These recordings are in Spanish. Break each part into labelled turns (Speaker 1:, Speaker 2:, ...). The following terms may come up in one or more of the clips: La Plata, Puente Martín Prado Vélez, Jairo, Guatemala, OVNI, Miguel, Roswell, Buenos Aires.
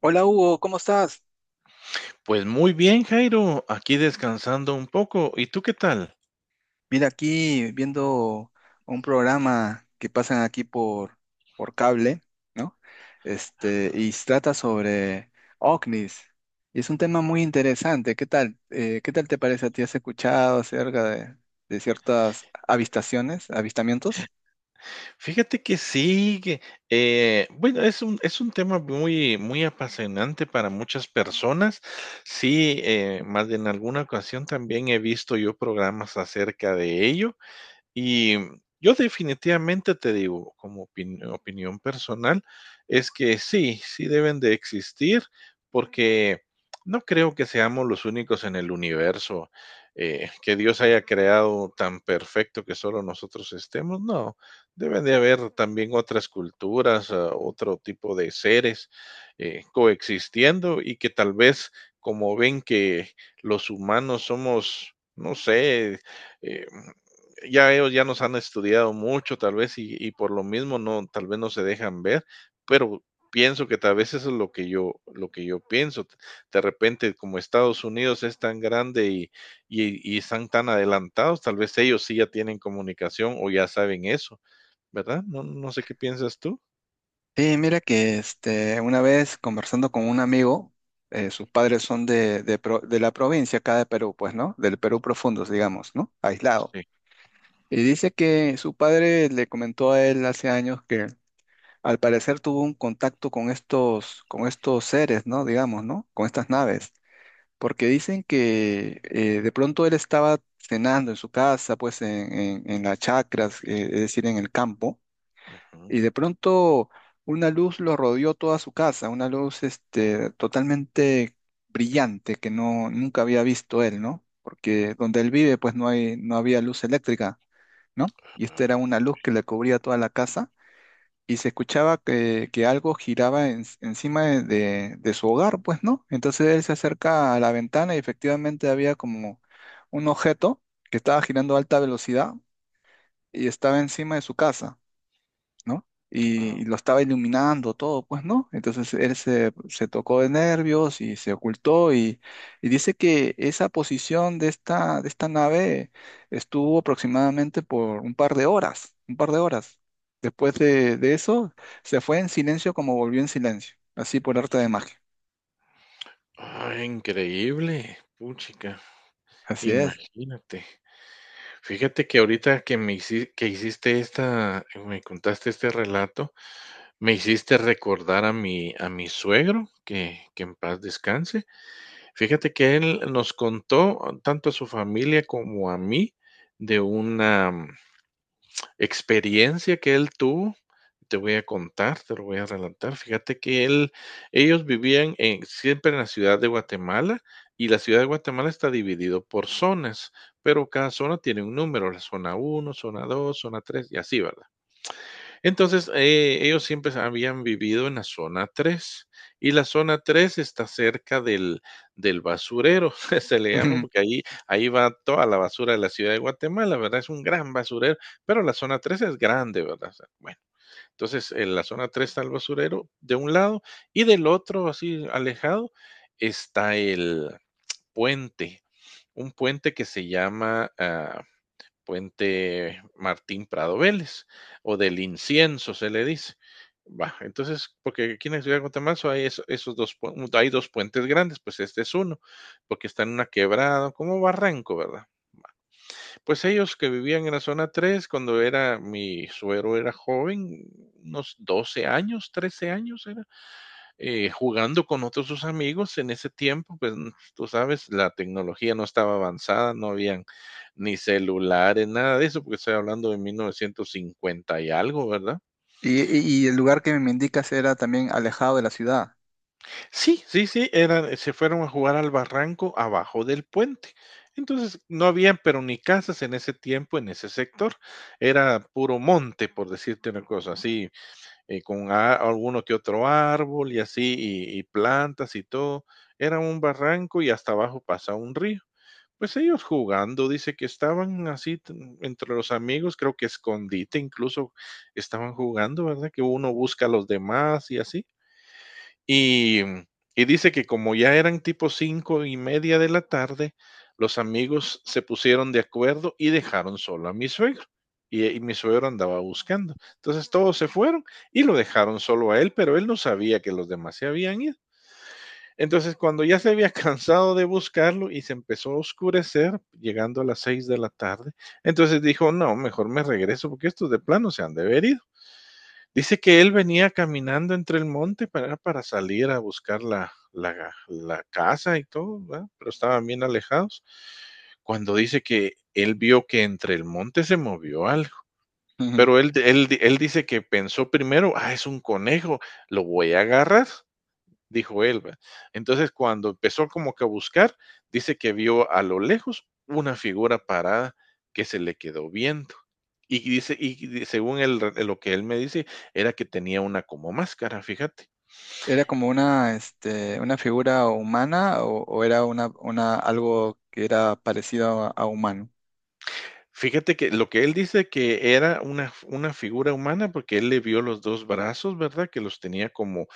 Speaker 1: Hola Hugo, ¿cómo estás?
Speaker 2: Pues muy bien, Jairo, aquí descansando un poco. ¿Y tú qué tal?
Speaker 1: Mira, aquí viendo un programa que pasan aquí por cable, ¿no? Este, y se trata sobre OVNIs. Y es un tema muy interesante. ¿Qué tal? ¿Qué tal te parece a ti? ¿Has escuchado acerca de ciertas avistaciones, avistamientos?
Speaker 2: Fíjate que sí, que, bueno, es un tema muy apasionante para muchas personas. Sí, más de en alguna ocasión también he visto yo programas acerca de ello. Y yo definitivamente te digo, como opinión personal, es que sí, sí deben de existir, porque no creo que seamos los únicos en el universo que Dios haya creado tan perfecto que solo nosotros estemos. No, deben de haber también otras culturas, otro tipo de seres coexistiendo y que tal vez como ven que los humanos somos, no sé, eh, ya ellos ya nos han estudiado mucho, tal vez, y por lo mismo no, tal vez no se dejan ver, pero pienso que tal vez eso es lo que yo pienso. De repente, como Estados Unidos es tan grande y están tan adelantados, tal vez ellos sí ya tienen comunicación o ya saben eso, ¿verdad? No, no sé qué piensas tú.
Speaker 1: Sí, mira que este, una vez conversando con un amigo, sus padres son de, de la provincia acá de Perú, pues, ¿no? Del Perú profundo, digamos, ¿no? Aislado.
Speaker 2: Sí.
Speaker 1: Y dice que su padre le comentó a él hace años que al parecer tuvo un contacto con estos seres, ¿no? Digamos, ¿no? Con estas naves. Porque dicen que de pronto él estaba cenando en su casa, pues en, en las chacras, es decir, en el campo,
Speaker 2: Ujú.
Speaker 1: y de pronto una luz lo rodeó toda su casa, una luz este, totalmente brillante que no, nunca había visto él, ¿no? Porque donde él vive, pues no hay, no había luz eléctrica, ¿no? Y esta era
Speaker 2: Ah,
Speaker 1: una luz que le cubría toda la casa, y se escuchaba que algo giraba encima de, de su hogar, pues, ¿no? Entonces él se acerca a la ventana y efectivamente había como un objeto que estaba girando a alta velocidad y estaba encima de su casa, ¿no?
Speaker 2: ah,
Speaker 1: Y lo estaba iluminando todo, pues, ¿no? Entonces él se, se tocó de nervios y se ocultó, y dice que esa posición de esta nave estuvo aproximadamente por un par de horas, un par de horas. Después de eso, se fue en silencio como volvió en silencio, así por arte de magia.
Speaker 2: ¡increíble, puchica,
Speaker 1: Así es.
Speaker 2: imagínate! Fíjate que ahorita que me hici que hiciste esta me contaste este relato, me hiciste recordar a mi suegro, que en paz descanse. Fíjate que él nos contó, tanto a su familia como a mí, de una experiencia que él tuvo, te voy a contar, te lo voy a relatar. Fíjate que él, ellos vivían en, siempre en la ciudad de Guatemala, y la ciudad de Guatemala está dividido por zonas, pero cada zona tiene un número, la zona uno, zona 2, zona 3, y así, ¿verdad? Entonces, ellos siempre habían vivido en la zona 3 y la zona 3 está cerca del basurero, se le llama, porque ahí va toda la basura de la ciudad de Guatemala, ¿verdad? Es un gran basurero, pero la zona 3 es grande, ¿verdad? O sea, bueno, entonces, en la zona 3 está el basurero de un lado y del otro, así alejado, está el puente, un puente que se llama, Puente Martín Prado Vélez, o del incienso se le dice. Va, entonces, porque aquí en la ciudad de Guatemala hay esos dos, hay dos puentes grandes, pues este es uno, porque está en una quebrada, como barranco, ¿verdad? Pues ellos que vivían en la zona 3 cuando era mi suegro era joven, unos 12 años, 13 años era, jugando con otros sus amigos en ese tiempo, pues tú sabes, la tecnología no estaba avanzada, no habían ni celulares, nada de eso, porque estoy hablando de 1950 y algo, ¿verdad?
Speaker 1: Y, y el lugar que me indicas era también alejado de la ciudad.
Speaker 2: Sí, sí, sí, eran, se fueron a jugar al barranco abajo del puente. Entonces, no habían, pero ni casas en ese tiempo, en ese sector. Era puro monte, por decirte una cosa así, con alguno que otro árbol y así, y plantas y todo. Era un barranco y hasta abajo pasa un río. Pues ellos jugando, dice que estaban así entre los amigos, creo que escondite incluso estaban jugando, ¿verdad? Que uno busca a los demás y así. Y, y dice que como ya eran tipo 5:30 de la tarde, los amigos se pusieron de acuerdo y dejaron solo a mi suegro. Y mi suegro andaba buscando. Entonces todos se fueron y lo dejaron solo a él, pero él no sabía que los demás se habían ido. Entonces cuando ya se había cansado de buscarlo y se empezó a oscurecer, llegando a las 6 de la tarde, entonces dijo, no, mejor me regreso porque estos de plano se han de ver ido. Dice que él venía caminando entre el monte para salir a buscar la casa y todo, ¿verdad? Pero estaban bien alejados. Cuando dice que él vio que entre el monte se movió algo, pero él dice que pensó primero, ah, es un conejo, lo voy a agarrar, dijo él. Entonces, cuando empezó como que a buscar, dice que vio a lo lejos una figura parada que se le quedó viendo. Y dice, y según él, lo que él me dice, era que tenía una como máscara, fíjate.
Speaker 1: ¿Era como una, este, una figura humana? ¿O, o era una, algo que era parecido a humano?
Speaker 2: Fíjate que lo que él dice que era una figura humana, porque él le vio los 2 brazos, ¿verdad? Que los tenía como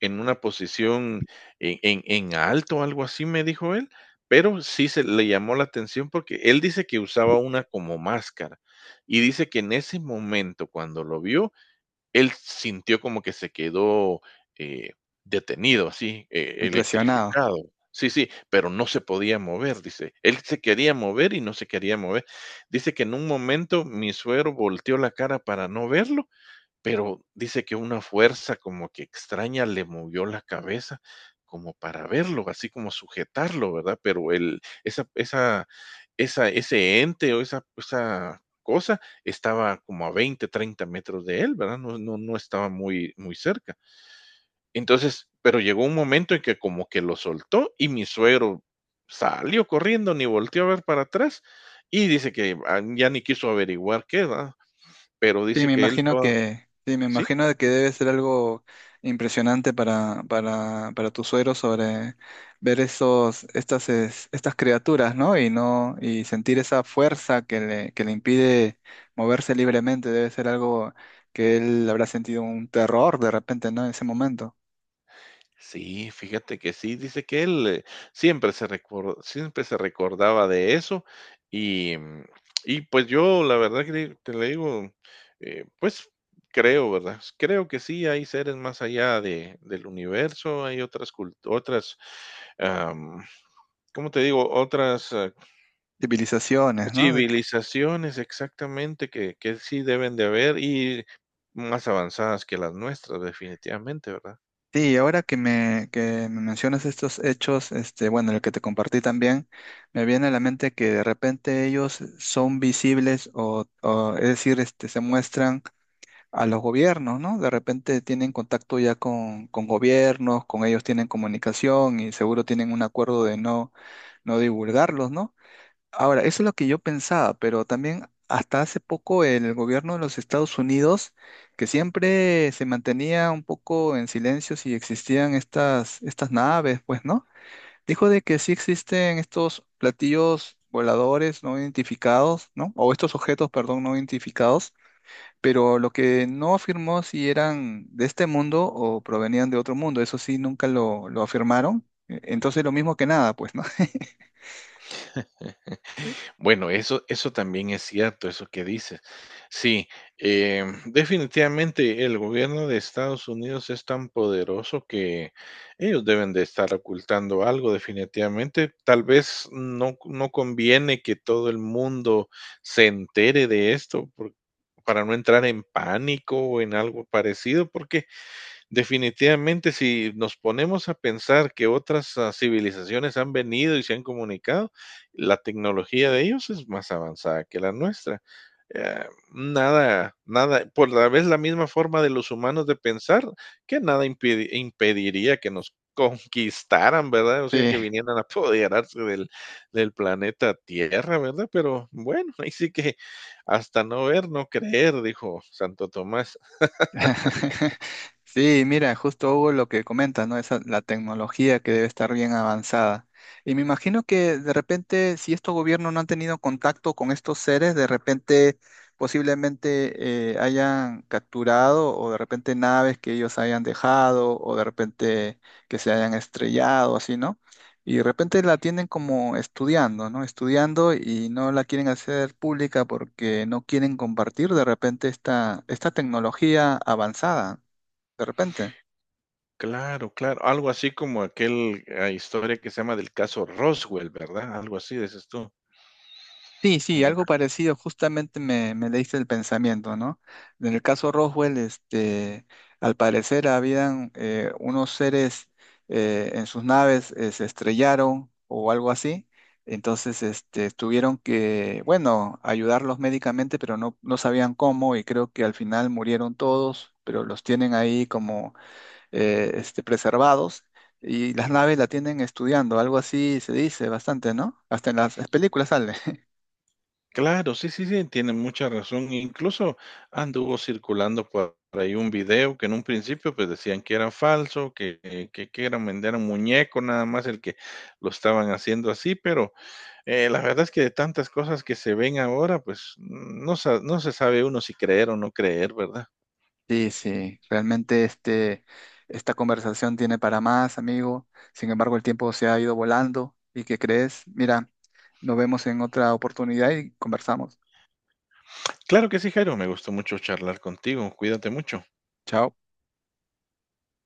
Speaker 2: en una posición en alto, algo así, me dijo él, pero sí se le llamó la atención porque él dice que usaba una como máscara, y dice que en ese momento, cuando lo vio, él sintió como que se quedó, eh, detenido, así,
Speaker 1: Impresionado.
Speaker 2: electrificado. Sí, sí, pero no se podía mover, dice. Él se quería mover y no se quería mover. Dice que en un momento mi suegro volteó la cara para no verlo, pero dice que una fuerza como que extraña le movió la cabeza como para verlo, así como sujetarlo, ¿verdad? Pero el, ese ente o esa cosa estaba como a 20 o 30 metros de él, ¿verdad? No, no, no estaba muy, muy cerca. Entonces, pero llegó un momento en que como que lo soltó y mi suegro salió corriendo, ni volteó a ver para atrás, y dice que ah, ya ni quiso averiguar qué, ¿verdad? Pero
Speaker 1: Sí,
Speaker 2: dice
Speaker 1: me
Speaker 2: que él
Speaker 1: imagino
Speaker 2: toda,
Speaker 1: que, sí, me
Speaker 2: ¿sí?
Speaker 1: imagino de que debe ser algo impresionante para tu suegro sobre ver esos, estas, estas criaturas, ¿no? Y no, y sentir esa fuerza que le impide moverse libremente. Debe ser algo que él habrá sentido un terror de repente, ¿no? En ese momento.
Speaker 2: Sí, fíjate que sí, dice que él, siempre se recordaba de eso y, y pues yo la verdad que di te le digo, pues creo, ¿verdad? Pues creo que sí hay seres más allá de del universo, hay otras culturas, otras, am, ¿cómo te digo? Otras
Speaker 1: Civilizaciones, ¿no?
Speaker 2: civilizaciones, exactamente, que sí deben de haber y más avanzadas que las nuestras, definitivamente, ¿verdad?
Speaker 1: Sí, ahora que me mencionas estos hechos, este, bueno, el que te compartí también, me viene a la mente que de repente ellos son visibles o, es decir, este, se muestran a los gobiernos, ¿no? De repente tienen contacto ya con gobiernos, con ellos tienen comunicación y seguro tienen un acuerdo de no, no divulgarlos, ¿no? Ahora, eso es lo que yo pensaba, pero también hasta hace poco el gobierno de los Estados Unidos, que siempre se mantenía un poco en silencio si existían estas, estas naves, pues, ¿no? Dijo de que sí existen estos platillos voladores no identificados, ¿no? O estos objetos, perdón, no identificados, pero lo que no afirmó si eran de este mundo o provenían de otro mundo, eso sí, nunca lo, lo afirmaron. Entonces, lo mismo que nada, pues, ¿no?
Speaker 2: Bueno, eso también es cierto, eso que dices. Sí, definitivamente el gobierno de Estados Unidos es tan poderoso que ellos deben de estar ocultando algo, definitivamente. Tal vez no conviene que todo el mundo se entere de esto por para no entrar en pánico o en algo parecido, porque definitivamente, si nos ponemos a pensar que otras civilizaciones han venido y se han comunicado, la tecnología de ellos es más avanzada que la nuestra. Eh, nada, nada, por la vez la misma forma de los humanos de pensar, que nada impediría que nos conquistaran, ¿verdad? O sea,
Speaker 1: Sí.
Speaker 2: que vinieran a apoderarse del, planeta Tierra, ¿verdad? Pero bueno, ahí sí que hasta no ver, no creer, dijo Santo Tomás.
Speaker 1: Sí, mira, justo hubo lo que comentas, ¿no? Esa, la tecnología que debe estar bien avanzada. Y me imagino que de repente, si estos gobiernos no han tenido contacto con estos seres, de repente posiblemente hayan capturado, o de repente naves que ellos hayan dejado, o de repente que se hayan estrellado, así, ¿no? Y de repente la tienen como estudiando, ¿no? Estudiando, y no la quieren hacer pública porque no quieren compartir de repente esta, esta tecnología avanzada, de repente.
Speaker 2: Claro, claro, algo así como aquel, historia que se llama del caso Roswell, ¿verdad? Algo así, dices tú,
Speaker 1: Sí, sí, algo
Speaker 2: ¿verdad?
Speaker 1: parecido, justamente me, me leíste el pensamiento, ¿no? En el caso Roswell, este, al parecer habían unos seres en sus naves, se estrellaron o algo así, entonces este, tuvieron que, bueno, ayudarlos médicamente, pero no, no sabían cómo, y creo que al final murieron todos, pero los tienen ahí como este, preservados. Y las
Speaker 2: Mm.
Speaker 1: naves la tienen estudiando, algo así se dice bastante, ¿no? Hasta en las películas sale.
Speaker 2: Claro, sí, sí, sí, tiene mucha razón. Incluso anduvo circulando por ahí un video que en un principio, pues, decían que era falso, que que era vender un muñeco, nada más el que lo estaban haciendo así, pero, la verdad es que de tantas cosas que se ven ahora, pues, no se sabe uno si creer o no creer, ¿verdad?
Speaker 1: Sí, sí, realmente este, esta conversación tiene para más, amigo. Sin embargo, el tiempo se ha ido volando. ¿Y qué crees? Mira, nos vemos en otra oportunidad y conversamos.
Speaker 2: Claro que sí, Jairo, me gustó mucho charlar contigo, cuídate mucho.
Speaker 1: Chao.